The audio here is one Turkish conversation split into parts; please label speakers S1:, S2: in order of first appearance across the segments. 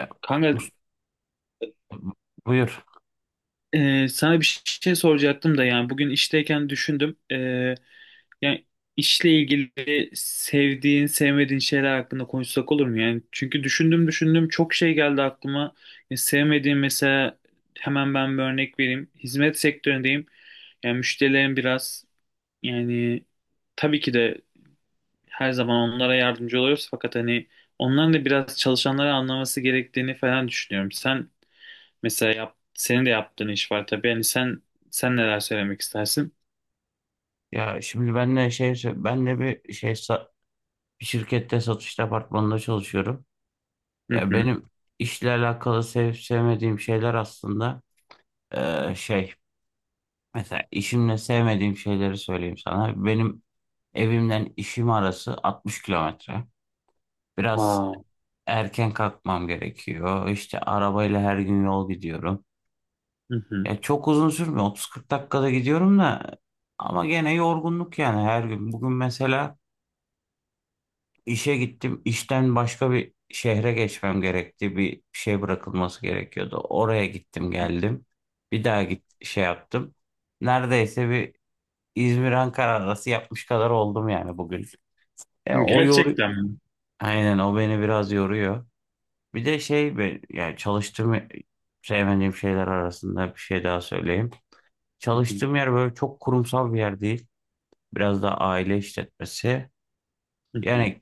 S1: E,
S2: Kanka
S1: ust- Buyur.
S2: sana bir şey soracaktım da yani bugün işteyken düşündüm. Yani işle ilgili sevdiğin, sevmediğin şeyler hakkında konuşsak olur mu? Yani çünkü düşündüm düşündüm çok şey geldi aklıma. Sevmediğim mesela hemen ben bir örnek vereyim. Hizmet sektöründeyim. Yani müşterilerim biraz, yani tabii ki de her zaman onlara yardımcı oluyoruz fakat hani onların da biraz çalışanları anlaması gerektiğini falan düşünüyorum. Mesela yap, senin de yaptığın iş var tabii. Yani sen neler söylemek istersin?
S1: Ya şimdi benle şey benle bir şey sa- Bir şirkette satış departmanında çalışıyorum.
S2: Hı
S1: Ya
S2: hı.
S1: benim işle alakalı sevip sevmediğim şeyler aslında e, şey mesela işimle sevmediğim şeyleri söyleyeyim sana. Benim evimden işim arası 60 kilometre. Biraz
S2: Aa,
S1: erken kalkmam gerekiyor. İşte arabayla her gün yol gidiyorum.
S2: hı hı.
S1: Ya çok uzun sürmüyor. 30-40 dakikada gidiyorum da ama gene yorgunluk yani her gün. Bugün mesela İşe gittim. İşten başka bir şehre geçmem gerekti. Bir şey bırakılması gerekiyordu. Oraya gittim geldim. Bir daha git şey yaptım. Neredeyse bir İzmir-Ankara arası yapmış kadar oldum yani bugün. O yoruyor.
S2: Gerçekten mi?
S1: Aynen o beni biraz yoruyor. Bir de şey be- Yani çalıştığım sevmediğim şeyler arasında bir şey daha söyleyeyim.
S2: Hı hı.
S1: Çalıştığım yer böyle çok kurumsal bir yer değil. Biraz da aile işletmesi.
S2: Hı hı.
S1: Yani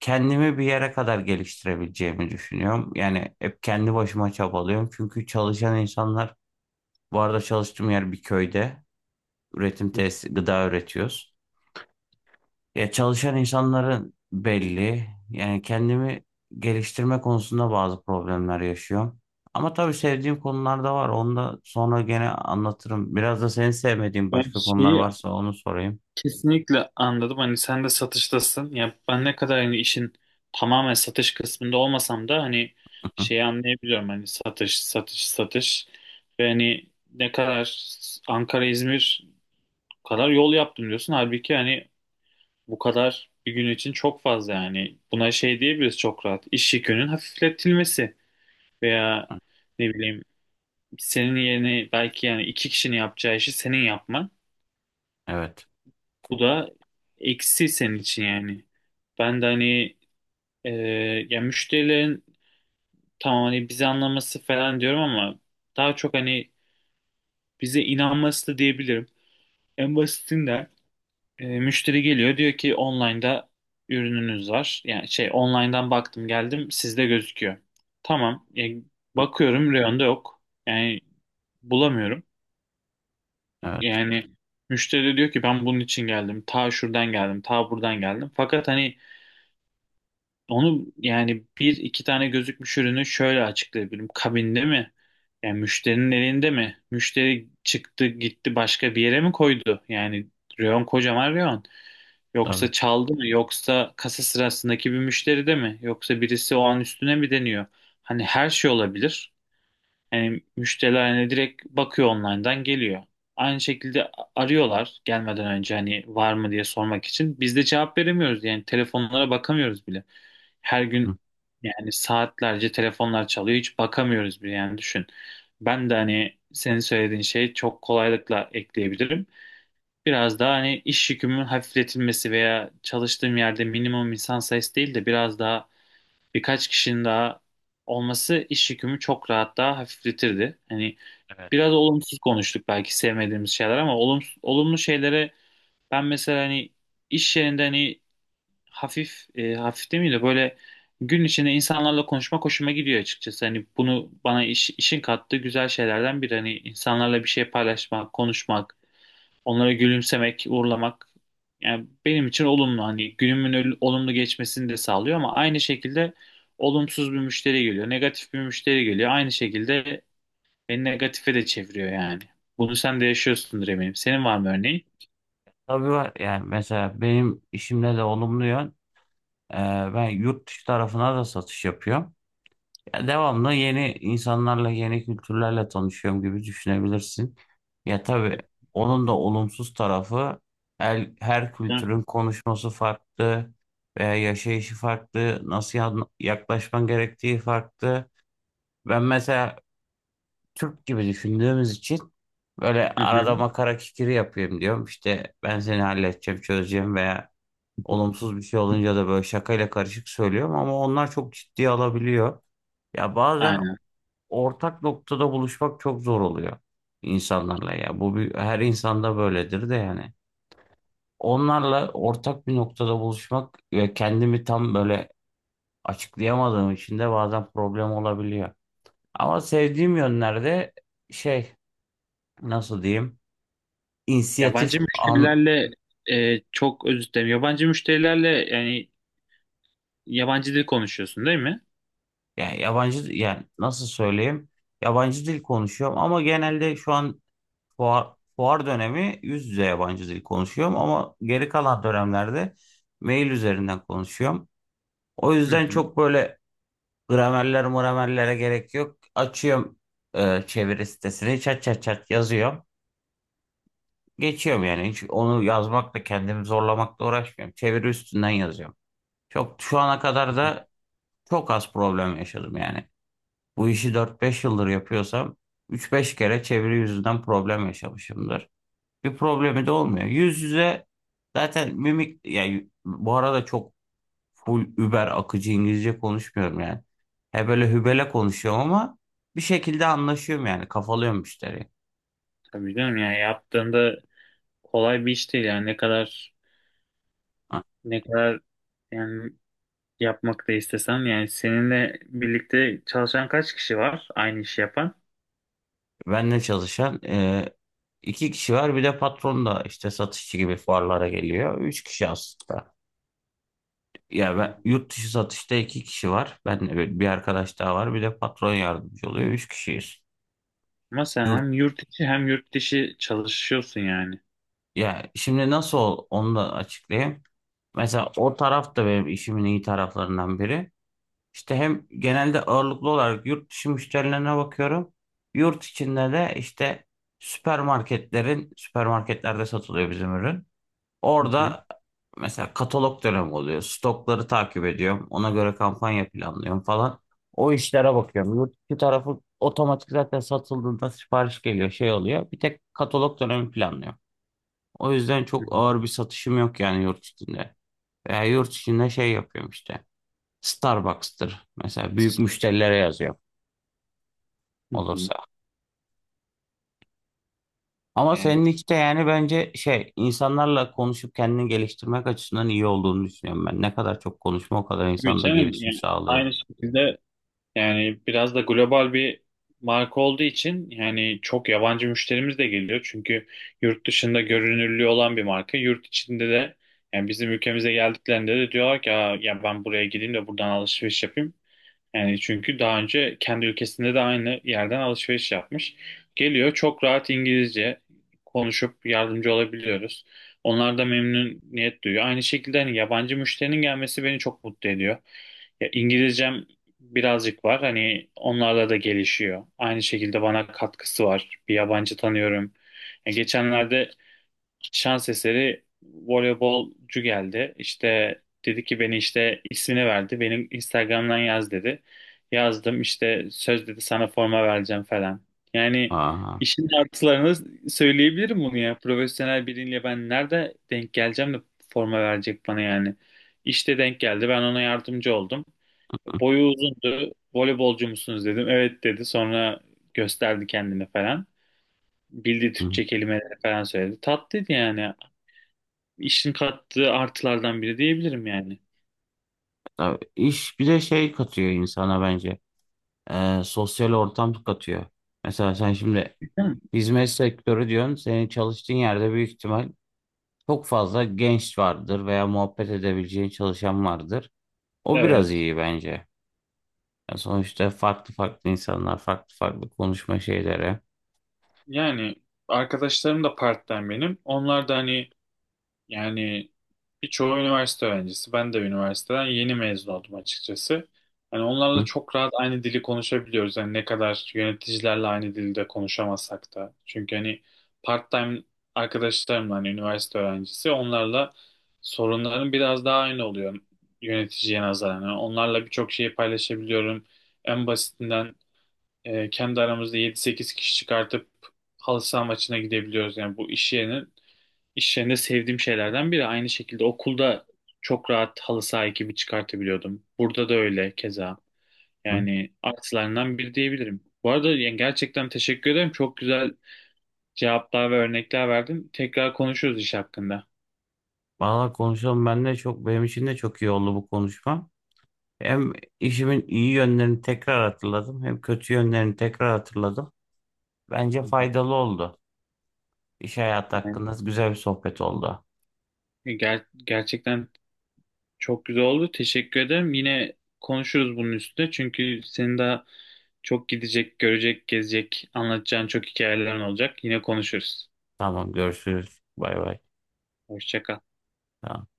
S1: kendimi bir yere kadar geliştirebileceğimi düşünüyorum. Yani hep kendi başıma çabalıyorum. Çünkü çalışan insanlar, bu arada çalıştığım yer bir köyde. Üretim
S2: Hı hı.
S1: tesisi, gıda üretiyoruz. Ya çalışan insanların belli. Yani kendimi geliştirme konusunda bazı problemler yaşıyorum. Ama tabii sevdiğim konular da var. Onu da sonra gene anlatırım. Biraz da senin sevmediğin
S2: Ben
S1: başka konular
S2: şeyi
S1: varsa onu sorayım.
S2: kesinlikle anladım. Hani sen de satıştasın. Ya ben ne kadar hani işin tamamen satış kısmında olmasam da hani şeyi anlayabiliyorum. Hani satış, satış, satış. Ve hani ne kadar Ankara, İzmir kadar yol yaptım diyorsun. Halbuki hani bu kadar bir gün için çok fazla yani. Buna şey diyebiliriz çok rahat. İş yükünün hafifletilmesi veya ne bileyim senin yerine belki yani iki kişinin yapacağı işi senin yapman.
S1: Evet,
S2: Bu da eksi senin için yani. Ben de hani, e, ya müşterilerin tamam hani bizi anlaması falan diyorum ama daha çok hani bize inanması da diyebilirim. En basitinden müşteri geliyor diyor ki online'da ürününüz var. Yani şey online'dan baktım geldim sizde gözüküyor. Tamam. Bakıyorum reyonda yok. Yani bulamıyorum.
S1: evet,
S2: Yani müşteri de diyor ki ben bunun için geldim. Ta şuradan geldim. Ta buradan geldim. Fakat hani onu yani bir iki tane gözükmüş ürünü şöyle açıklayabilirim. Kabinde mi? Yani müşterinin elinde mi? Müşteri çıktı gitti başka bir yere mi koydu? Yani reyon, kocaman reyon.
S1: tabii.
S2: Yoksa çaldı mı? Yoksa kasa sırasındaki bir müşteri de mi? Yoksa birisi o an üstüne mi deniyor? Hani her şey olabilir. Yani müşteriler hani direkt bakıyor, online'dan geliyor. Aynı şekilde arıyorlar gelmeden önce hani var mı diye sormak için. Biz de cevap veremiyoruz, yani telefonlara bakamıyoruz bile. Her
S1: Hı.
S2: gün yani saatlerce telefonlar çalıyor, hiç bakamıyoruz bile yani, düşün. Ben de hani senin söylediğin şeyi çok kolaylıkla ekleyebilirim. Biraz daha hani iş yükümün hafifletilmesi veya çalıştığım yerde minimum insan sayısı değil de biraz daha birkaç kişinin daha olması iş yükümü çok rahat daha hafifletirdi. Hani
S1: Evet.
S2: biraz olumsuz konuştuk belki, sevmediğimiz şeyler, ama olumsuz, olumlu şeylere ben mesela hani iş yerinde hani hafif demeyeyim de böyle gün içinde insanlarla konuşmak hoşuma gidiyor açıkçası. Hani bunu bana işin kattığı güzel şeylerden biri. Hani insanlarla bir şey paylaşmak, konuşmak, onlara gülümsemek, uğurlamak yani benim için olumlu, hani günümün olumlu geçmesini de sağlıyor, ama aynı şekilde olumsuz bir müşteri geliyor, negatif bir müşteri geliyor. Aynı şekilde beni negatife de çeviriyor yani. Bunu sen de yaşıyorsundur eminim. Senin var mı örneğin?
S1: Tabii var. Yani mesela benim işimde de olumlu yön. e, Ben yurt dışı tarafına da satış yapıyorum. Ya devamlı yeni insanlarla, yeni kültürlerle tanışıyorum gibi düşünebilirsin. Ya tabii onun da olumsuz tarafı her
S2: Hı
S1: kültürün konuşması farklı veya yaşayışı farklı, nasıl yaklaşman gerektiği farklı. Ben mesela Türk gibi düşündüğümüz için böyle arada
S2: hı.
S1: makara kikiri yapayım diyorum. İşte ben seni halledeceğim, çözeceğim veya olumsuz bir şey olunca da böyle şakayla karışık söylüyorum ama onlar çok ciddiye alabiliyor. Ya bazen
S2: Aynen.
S1: ortak noktada buluşmak çok zor oluyor insanlarla ya. Bu bir, her insanda böyledir de yani. Onlarla ortak bir noktada buluşmak ve kendimi tam böyle açıklayamadığım için de bazen problem olabiliyor. Ama sevdiğim yönlerde şey nasıl diyeyim inisiyatif
S2: Yabancı
S1: an
S2: müşterilerle çok özür dilerim. Yabancı müşterilerle yani yabancı dil konuşuyorsun değil mi?
S1: yani yabancı yani nasıl söyleyeyim yabancı dil konuşuyorum ama genelde şu an fuar dönemi yüz yüze yabancı dil konuşuyorum ama geri kalan dönemlerde mail üzerinden konuşuyorum. O
S2: Hı
S1: yüzden
S2: hı.
S1: çok böyle gramerler muramerlere gerek yok. Açıyorum çeviri sitesini çat çat çat yazıyorum. Geçiyorum yani hiç onu yazmakla kendimi zorlamakla uğraşmıyorum. Çeviri üstünden yazıyorum. Çok şu ana kadar da çok az problem yaşadım yani. Bu işi 4-5 yıldır yapıyorsam 3-5 kere çeviri yüzünden problem yaşamışımdır. Bir problemi de olmuyor. Yüz yüze zaten mimik yani bu arada çok full über akıcı İngilizce konuşmuyorum yani. He böyle hübele konuşuyorum ama bir şekilde anlaşıyorum yani kafalıyorum müşteriyi.
S2: Tabii canım, yani yaptığında kolay bir iş değil yani, ne kadar,
S1: Ha,
S2: ne kadar yani, yapmak da istesem yani, seninle birlikte çalışan kaç kişi var aynı işi yapan?
S1: benle çalışan iki kişi var bir de patron da işte satışçı gibi fuarlara geliyor. Üç kişi aslında. Ya ben,
S2: Hmm.
S1: yurt dışı satışta iki kişi var. Ben bir arkadaş daha var bir de patron yardımcı oluyor. Üç kişiyiz.
S2: Ama sen
S1: Yurt,
S2: hem yurt içi hem yurt dışı çalışıyorsun yani.
S1: ya şimdi nasıl ol, onu da açıklayayım. Mesela o taraf da benim işimin iyi taraflarından biri. İşte hem genelde ağırlıklı olarak yurt dışı müşterilerine bakıyorum. Yurt içinde de işte süpermarketlerde satılıyor bizim ürün.
S2: Hı hı.
S1: Orada mesela katalog dönemi oluyor. Stokları takip ediyorum. Ona göre kampanya planlıyorum falan. O işlere bakıyorum. Yurt dışı tarafı otomatik zaten satıldığında sipariş geliyor, şey oluyor. Bir tek katalog dönemi planlıyor. O yüzden
S2: Hı hı.
S1: çok ağır bir satışım yok yani yurt içinde. Veya yurt içinde şey yapıyorum işte. Starbucks'tır mesela büyük müşterilere yazıyorum
S2: Hı hı.
S1: olursa. Ama
S2: Yani
S1: senin işte yani bence şey insanlarla konuşup kendini geliştirmek açısından iyi olduğunu düşünüyorum ben. Ne kadar çok konuşma o kadar
S2: tabii
S1: insanda
S2: canım
S1: gelişim
S2: yani
S1: sağlıyor.
S2: aynı şekilde, yani biraz da global bir marka olduğu için yani çok yabancı müşterimiz de geliyor. Çünkü yurt dışında görünürlüğü olan bir marka. Yurt içinde de yani bizim ülkemize geldiklerinde de diyorlar ki "Aa, ya ben buraya gideyim de buradan alışveriş yapayım." Yani çünkü daha önce kendi ülkesinde de aynı yerden alışveriş yapmış. Geliyor, çok rahat İngilizce konuşup yardımcı olabiliyoruz. Onlar da memnuniyet duyuyor. Aynı şekilde hani yabancı müşterinin gelmesi beni çok mutlu ediyor. Ya İngilizcem birazcık var. Hani onlarla da gelişiyor. Aynı şekilde bana katkısı var. Bir yabancı tanıyorum. Ya geçenlerde şans eseri voleybolcu geldi. İşte dedi ki, beni işte ismini verdi. Benim Instagram'dan yaz dedi. Yazdım, işte söz dedi, sana forma vereceğim falan. Yani
S1: Aha.
S2: işin artılarını söyleyebilirim bunu ya. Profesyonel biriyle ben nerede denk geleceğim de forma verecek bana yani. İşte denk geldi. Ben ona yardımcı oldum. Boyu uzundu. Voleybolcu musunuz dedim. Evet dedi. Sonra gösterdi kendini falan. Bildiği
S1: Hı.
S2: Türkçe kelimeleri falan söyledi. Tatlıydı yani, işin kattığı artılardan biri diyebilirim yani.
S1: Tabii iş bir de şey katıyor insana bence. Sosyal ortam katıyor. Mesela sen şimdi
S2: Değil
S1: hizmet sektörü diyorsun. Senin çalıştığın yerde büyük ihtimal çok fazla genç vardır veya muhabbet edebileceğin çalışan vardır. O biraz
S2: Evet.
S1: iyi bence. Ya sonuçta farklı farklı insanlar, farklı farklı konuşma şeyleri.
S2: Yani arkadaşlarım da part-time benim. Onlar da hani, yani birçoğu üniversite öğrencisi. Ben de üniversiteden yeni mezun oldum açıkçası. Hani onlarla
S1: Hı
S2: çok rahat aynı dili konuşabiliyoruz. Yani ne kadar yöneticilerle aynı dilde konuşamasak da. Çünkü hani part-time arkadaşlarımla hani üniversite öğrencisi, onlarla sorunların biraz daha aynı oluyor yöneticiye nazaran. Yani onlarla birçok şeyi paylaşabiliyorum. En basitinden kendi aramızda yedi sekiz kişi çıkartıp halı saha maçına gidebiliyoruz. Yani bu iş yerinin, İş yerinde sevdiğim şeylerden biri. Aynı şekilde okulda çok rahat halı saha ekibi çıkartabiliyordum. Burada da öyle keza.
S1: hı.
S2: Yani artılarından biri diyebilirim. Bu arada yani gerçekten teşekkür ederim. Çok güzel cevaplar ve örnekler verdin. Tekrar konuşuruz iş hakkında.
S1: Valla konuşalım ben de çok benim için de çok iyi oldu bu konuşma. Hem işimin iyi yönlerini tekrar hatırladım, hem kötü yönlerini tekrar hatırladım. Bence
S2: Hı hı.
S1: faydalı oldu. İş hayatı
S2: Yani
S1: hakkında güzel bir sohbet oldu.
S2: gerçekten çok güzel oldu. Teşekkür ederim. Yine konuşuruz bunun üstüne. Çünkü senin daha çok gidecek, görecek, gezecek, anlatacağın çok hikayelerin olacak. Yine konuşuruz.
S1: Tamam, görüşürüz. Bay bay.
S2: Hoşça kal.
S1: Tamam.